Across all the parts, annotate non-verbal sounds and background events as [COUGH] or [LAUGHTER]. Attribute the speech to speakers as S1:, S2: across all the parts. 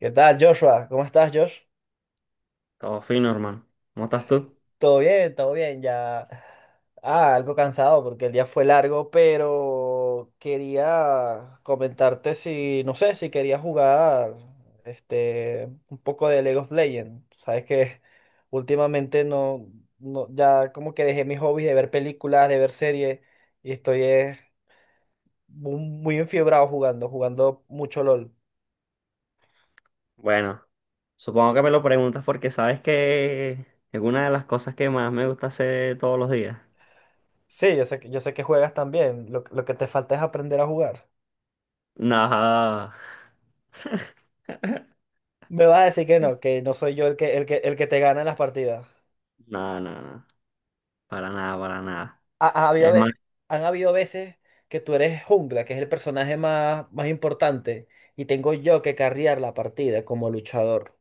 S1: ¿Qué tal, Joshua? ¿Cómo estás, Josh?
S2: Todo fino, hermano. ¿Cómo estás tú?
S1: Todo bien, ya. Ah, algo cansado porque el día fue largo, pero quería comentarte si, no sé, si quería jugar un poco de League of Legends. Sabes que últimamente no, no, ya como que dejé mis hobbies de ver películas, de ver series y estoy muy enfiebrado jugando, jugando mucho LOL.
S2: Bueno, supongo que me lo preguntas porque sabes que es una de las cosas que más me gusta hacer todos los días.
S1: Sí, yo sé que juegas también. Lo que te falta es aprender a jugar.
S2: No,
S1: Me vas a decir que no soy yo el que te gana en las partidas.
S2: no, para nada, para nada.
S1: Ha habido,
S2: Es más,
S1: han habido veces que tú eres jungla, que es el personaje más importante, y tengo yo que carrear la partida como luchador.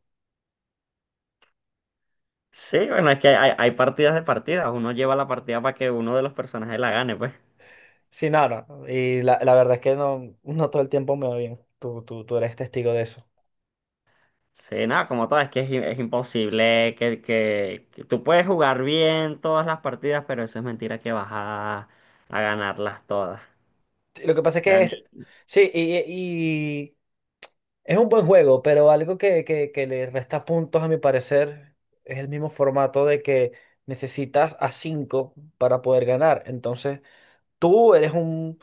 S2: sí, bueno, es que hay partidas de partidas. Uno lleva la partida para que uno de los personajes la gane, pues.
S1: Sí, nada. Y la verdad es que no, no todo el tiempo me va bien. Tú eres testigo de eso.
S2: Sí, nada, como todo, es que es, es imposible que tú puedes jugar bien todas las partidas, pero eso es mentira que a ganarlas todas.
S1: Sí, lo que pasa es
S2: O
S1: que
S2: sea,
S1: es. Sí. Es un buen juego, pero algo que le resta puntos, a mi parecer, es el mismo formato de que necesitas a 5 para poder ganar. Entonces, tú eres un,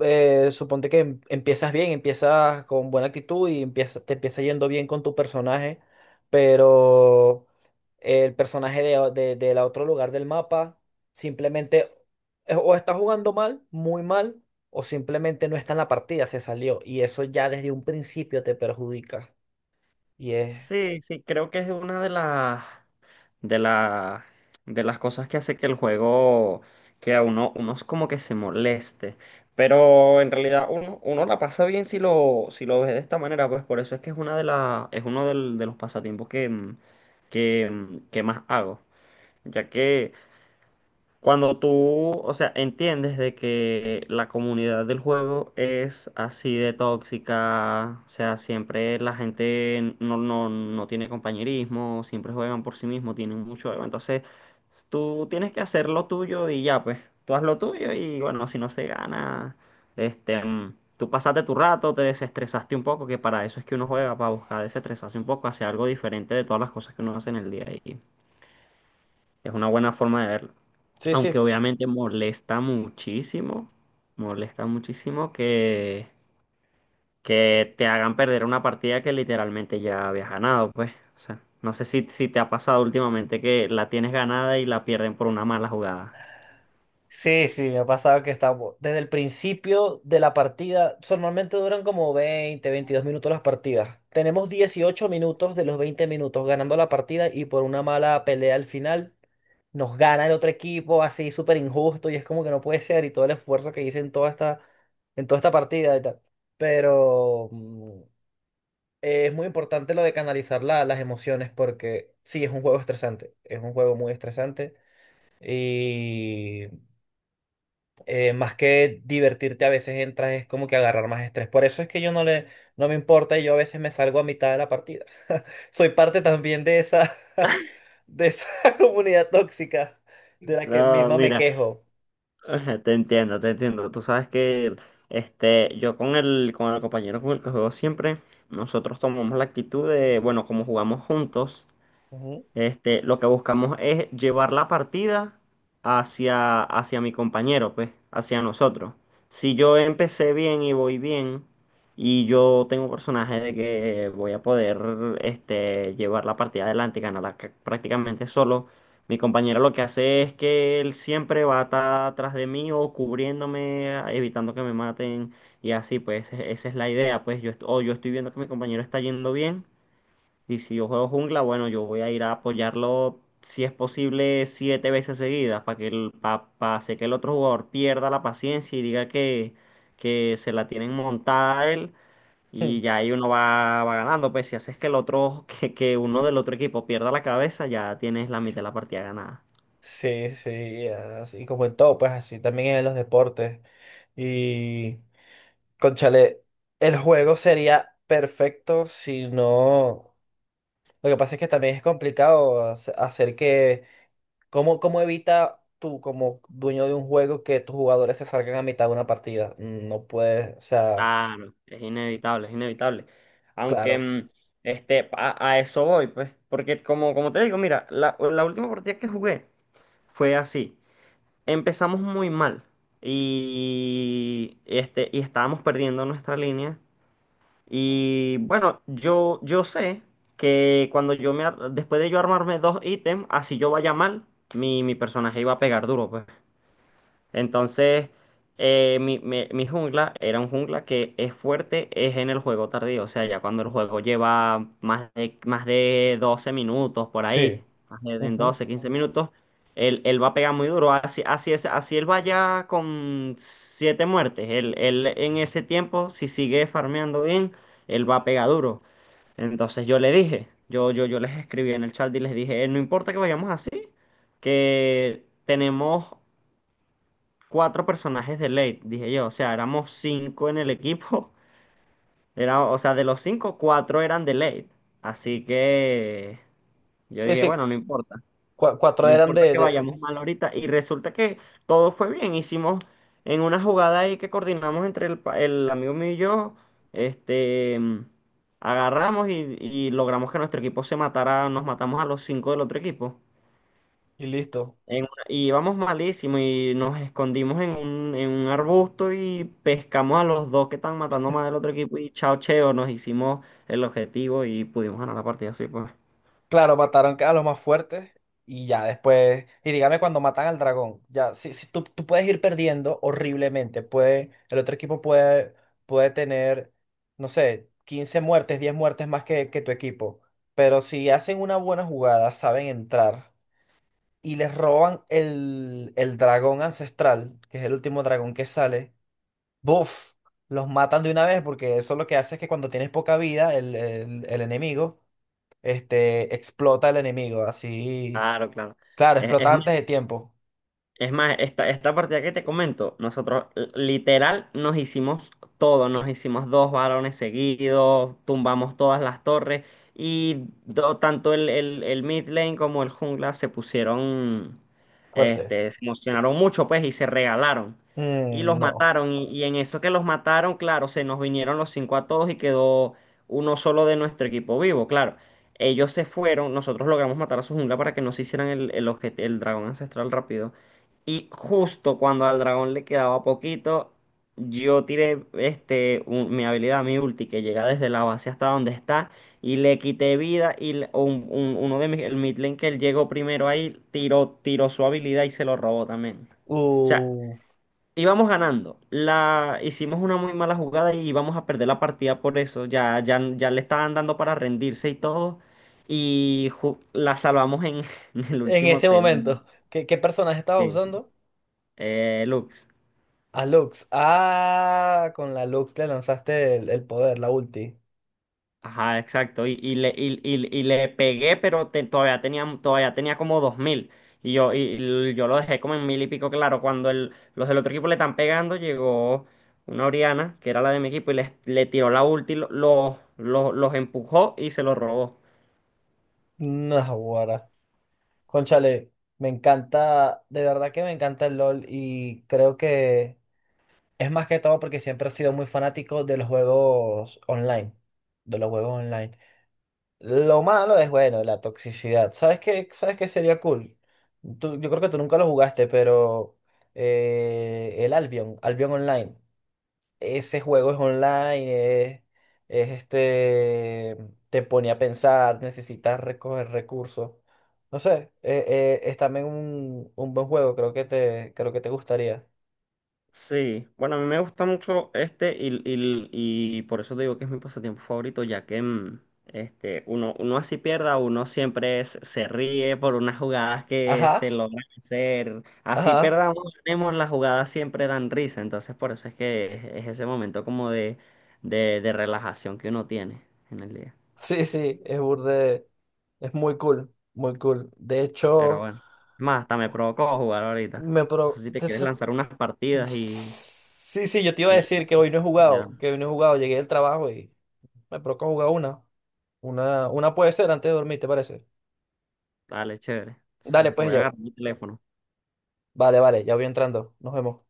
S1: suponte que empiezas bien, empiezas con buena actitud y te empieza yendo bien con tu personaje, pero el personaje del otro lugar del mapa simplemente o está jugando mal, muy mal, o simplemente no está en la partida, se salió. Y eso ya desde un principio te perjudica. Y es...
S2: sí, sí, creo que es una de las. de la, de las cosas que hace que el juego, que a uno, uno es como que se moleste. Pero en realidad uno, uno la pasa bien si lo, si lo ve de esta manera, pues por eso es que es una de la, es uno de los pasatiempos que que más hago. Ya que cuando tú, o sea, entiendes de que la comunidad del juego es así de tóxica, o sea, siempre la gente no tiene compañerismo, siempre juegan por sí mismos, tienen mucho ego, entonces tú tienes que hacer lo tuyo y ya, pues, tú haz lo tuyo y bueno, si no se gana, tú pasaste tu rato, te desestresaste un poco, que para eso es que uno juega, para buscar desestresarse un poco, hacer algo diferente de todas las cosas que uno hace en el día a día. Es una buena forma de verlo.
S1: Sí, sí.
S2: Aunque obviamente molesta muchísimo que te hagan perder una partida que literalmente ya habías ganado, pues. O sea, no sé si, si te ha pasado últimamente que la tienes ganada y la pierden por una mala jugada.
S1: Sí, sí, me ha pasado que estamos desde el principio de la partida, normalmente duran como 20 a 22 minutos las partidas. Tenemos 18 minutos de los 20 minutos ganando la partida y por una mala pelea al final nos gana el otro equipo, así súper injusto, y es como que no puede ser y todo el esfuerzo que hice en toda esta partida y tal. Pero es muy importante lo de canalizar las emociones porque sí, es un juego estresante, es un juego muy estresante. Y más que divertirte a veces entras es como que agarrar más estrés. Por eso es que yo no le, no me importa y yo a veces me salgo a mitad de la partida. [LAUGHS] Soy parte también de esa, [LAUGHS] de esa [LAUGHS] comunidad tóxica de la que
S2: No,
S1: misma me
S2: mira,
S1: quejo.
S2: [LAUGHS] te entiendo, te entiendo. Tú sabes que yo con el compañero con el que juego siempre, nosotros tomamos la actitud de, bueno, como jugamos juntos.
S1: Ujú.
S2: Lo que buscamos es llevar la partida hacia, hacia mi compañero, pues, hacia nosotros. Si yo empecé bien y voy bien, y yo tengo un personaje de que voy a poder llevar la partida adelante y ganarla prácticamente solo, mi compañero lo que hace es que él siempre va a estar atrás de mí o cubriéndome, evitando que me maten, y así, pues, esa es la idea, pues, yo, est- o yo estoy viendo que mi compañero está yendo bien. Y si yo juego jungla, bueno, yo voy a ir a apoyarlo si es posible 7 veces seguidas para que el, pa, pa hacer que el otro jugador pierda la paciencia y diga que se la tienen montada a él y ya
S1: [LAUGHS]
S2: ahí uno va, va ganando. Pues si haces que el otro, [LAUGHS] que uno del otro equipo pierda la cabeza, ya tienes la mitad de la partida ganada.
S1: Sí, sí, así como en todo, pues así también en los deportes. Y, conchale, el juego sería perfecto si no... Lo que pasa es que también es complicado hacer que... ¿Cómo, cómo evita tú, como dueño de un juego, que tus jugadores se salgan a mitad de una partida? No puedes, o sea,
S2: Claro, es inevitable, es inevitable. Aunque
S1: claro.
S2: a eso voy, pues, porque como, como te digo, mira, la última partida que jugué fue así. Empezamos muy mal y y estábamos perdiendo nuestra línea. Y bueno, yo sé que cuando yo después de yo armarme dos ítems, así yo vaya mal, mi personaje iba a pegar duro, pues. Entonces, mi, mi jungla era un jungla que es fuerte, es en el juego tardío, o sea, ya cuando el juego lleva más de 12 minutos por
S1: Sí.
S2: ahí, más de en
S1: Ujú.
S2: 12, 15 minutos, él va a pegar muy duro, así, así, es, así él vaya con 7 muertes, él, él en ese tiempo, si sigue farmeando bien, él va a pegar duro. Entonces yo le dije, yo les escribí en el chat y les dije, No importa que vayamos así, que tenemos cuatro personajes de late", dije yo. O sea, éramos cinco en el equipo. [LAUGHS] Era, o sea, de los cinco, cuatro eran de late. Así que yo
S1: Sí,
S2: dije,
S1: sí,
S2: bueno, no importa.
S1: cuatro
S2: No
S1: eran
S2: importa
S1: de,
S2: que
S1: de...
S2: vayamos mal ahorita. Y resulta que todo fue bien. Hicimos en una jugada ahí que coordinamos entre el amigo mío y yo. Este, mm, agarramos y logramos que nuestro equipo se matara. Nos matamos a los cinco del otro equipo.
S1: Y listo.
S2: En una- y Íbamos malísimo y nos escondimos en un arbusto y pescamos a los dos que estaban matando más del otro equipo y chao cheo, nos hicimos el objetivo y pudimos ganar la partida así, pues.
S1: Claro, mataron a los más fuertes y ya después... Y dígame cuando matan al dragón. Ya, si, si tú, tú puedes ir perdiendo horriblemente. Puede, el otro equipo puede, puede tener, no sé, 15 muertes, 10 muertes más que tu equipo. Pero si hacen una buena jugada, saben entrar y les roban el dragón ancestral, que es el último dragón que sale, ¡buf! Los matan de una vez porque eso lo que hace es que cuando tienes poca vida, el enemigo, explota el enemigo, así,
S2: Claro, claro.
S1: claro,
S2: Es, es
S1: explota antes de tiempo,
S2: Es más, esta partida que te comento, nosotros literal nos hicimos todo, nos hicimos dos varones seguidos, tumbamos todas las torres y tanto el mid lane como el jungla se pusieron,
S1: fuerte.
S2: se emocionaron mucho pues y se regalaron y
S1: Mm,
S2: los
S1: no.
S2: mataron y en eso que los mataron, claro, se nos vinieron los cinco a todos y quedó uno solo de nuestro equipo vivo, claro. Ellos se fueron, nosotros logramos matar a su jungla para que no se hicieran el, el dragón ancestral rápido. Y justo cuando al dragón le quedaba poquito, yo tiré mi habilidad, mi ulti, que llega desde la base hasta donde está, y le quité vida. Uno de mis, el mid lane que él llegó primero ahí, tiró, tiró su habilidad y se lo robó también. O sea,
S1: Uf.
S2: íbamos ganando. Hicimos una muy mala jugada y íbamos a perder la partida por eso. Ya le estaban dando para rendirse y todo. Y la salvamos en, [LAUGHS] en el
S1: En
S2: último
S1: ese
S2: segundo.
S1: momento, ¿qué, qué personaje estabas
S2: Sí,
S1: usando?
S2: Lux.
S1: A Lux. Ah, con la Lux le lanzaste el poder, la ulti.
S2: Ajá, exacto. Y le pegué, pero todavía tenía como 2000. Y y yo lo dejé como en mil y pico, claro. Cuando el, los del otro equipo le están pegando, llegó una Oriana, que era la de mi equipo, y les, le tiró la ulti, los empujó y se los robó.
S1: No, conchale, me encanta, de verdad que me encanta el LOL, y creo que es más que todo porque siempre he sido muy fanático de los juegos online, de los juegos online. Lo malo es, bueno, la toxicidad. ¿Sabes qué? ¿Sabes qué sería cool? Tú... yo creo que tú nunca lo jugaste, pero el Albion, Albion Online, ese juego es online, es te pone a pensar, necesitas recoger recursos. No sé, es también un buen juego, creo que te gustaría.
S2: Sí, bueno, a mí me gusta mucho este y por eso te digo que es mi pasatiempo favorito, ya que uno, uno así pierda, uno siempre se se ríe por unas jugadas que se
S1: Ajá,
S2: logran hacer. Así
S1: ajá.
S2: perdamos, tenemos las jugadas siempre dan risa, entonces por eso es que es ese momento como de relajación que uno tiene en el día.
S1: Sí, sí, es burde, es muy cool, muy cool. De
S2: Pero
S1: hecho,
S2: bueno, es más, hasta me provocó jugar ahorita.
S1: me
S2: No
S1: pro...
S2: sé si te quieres
S1: eso...
S2: lanzar unas partidas
S1: Sí, sí, yo te iba a
S2: y
S1: decir que hoy no he
S2: le
S1: jugado,
S2: damos.
S1: que hoy no he jugado, llegué del trabajo y me provoca jugar una. Una puede ser antes de dormir, ¿te parece?
S2: Dale, chévere.
S1: Dale,
S2: Entonces,
S1: pues
S2: voy a
S1: ya.
S2: agarrar mi teléfono.
S1: Vale, vale, ya voy entrando. Nos vemos.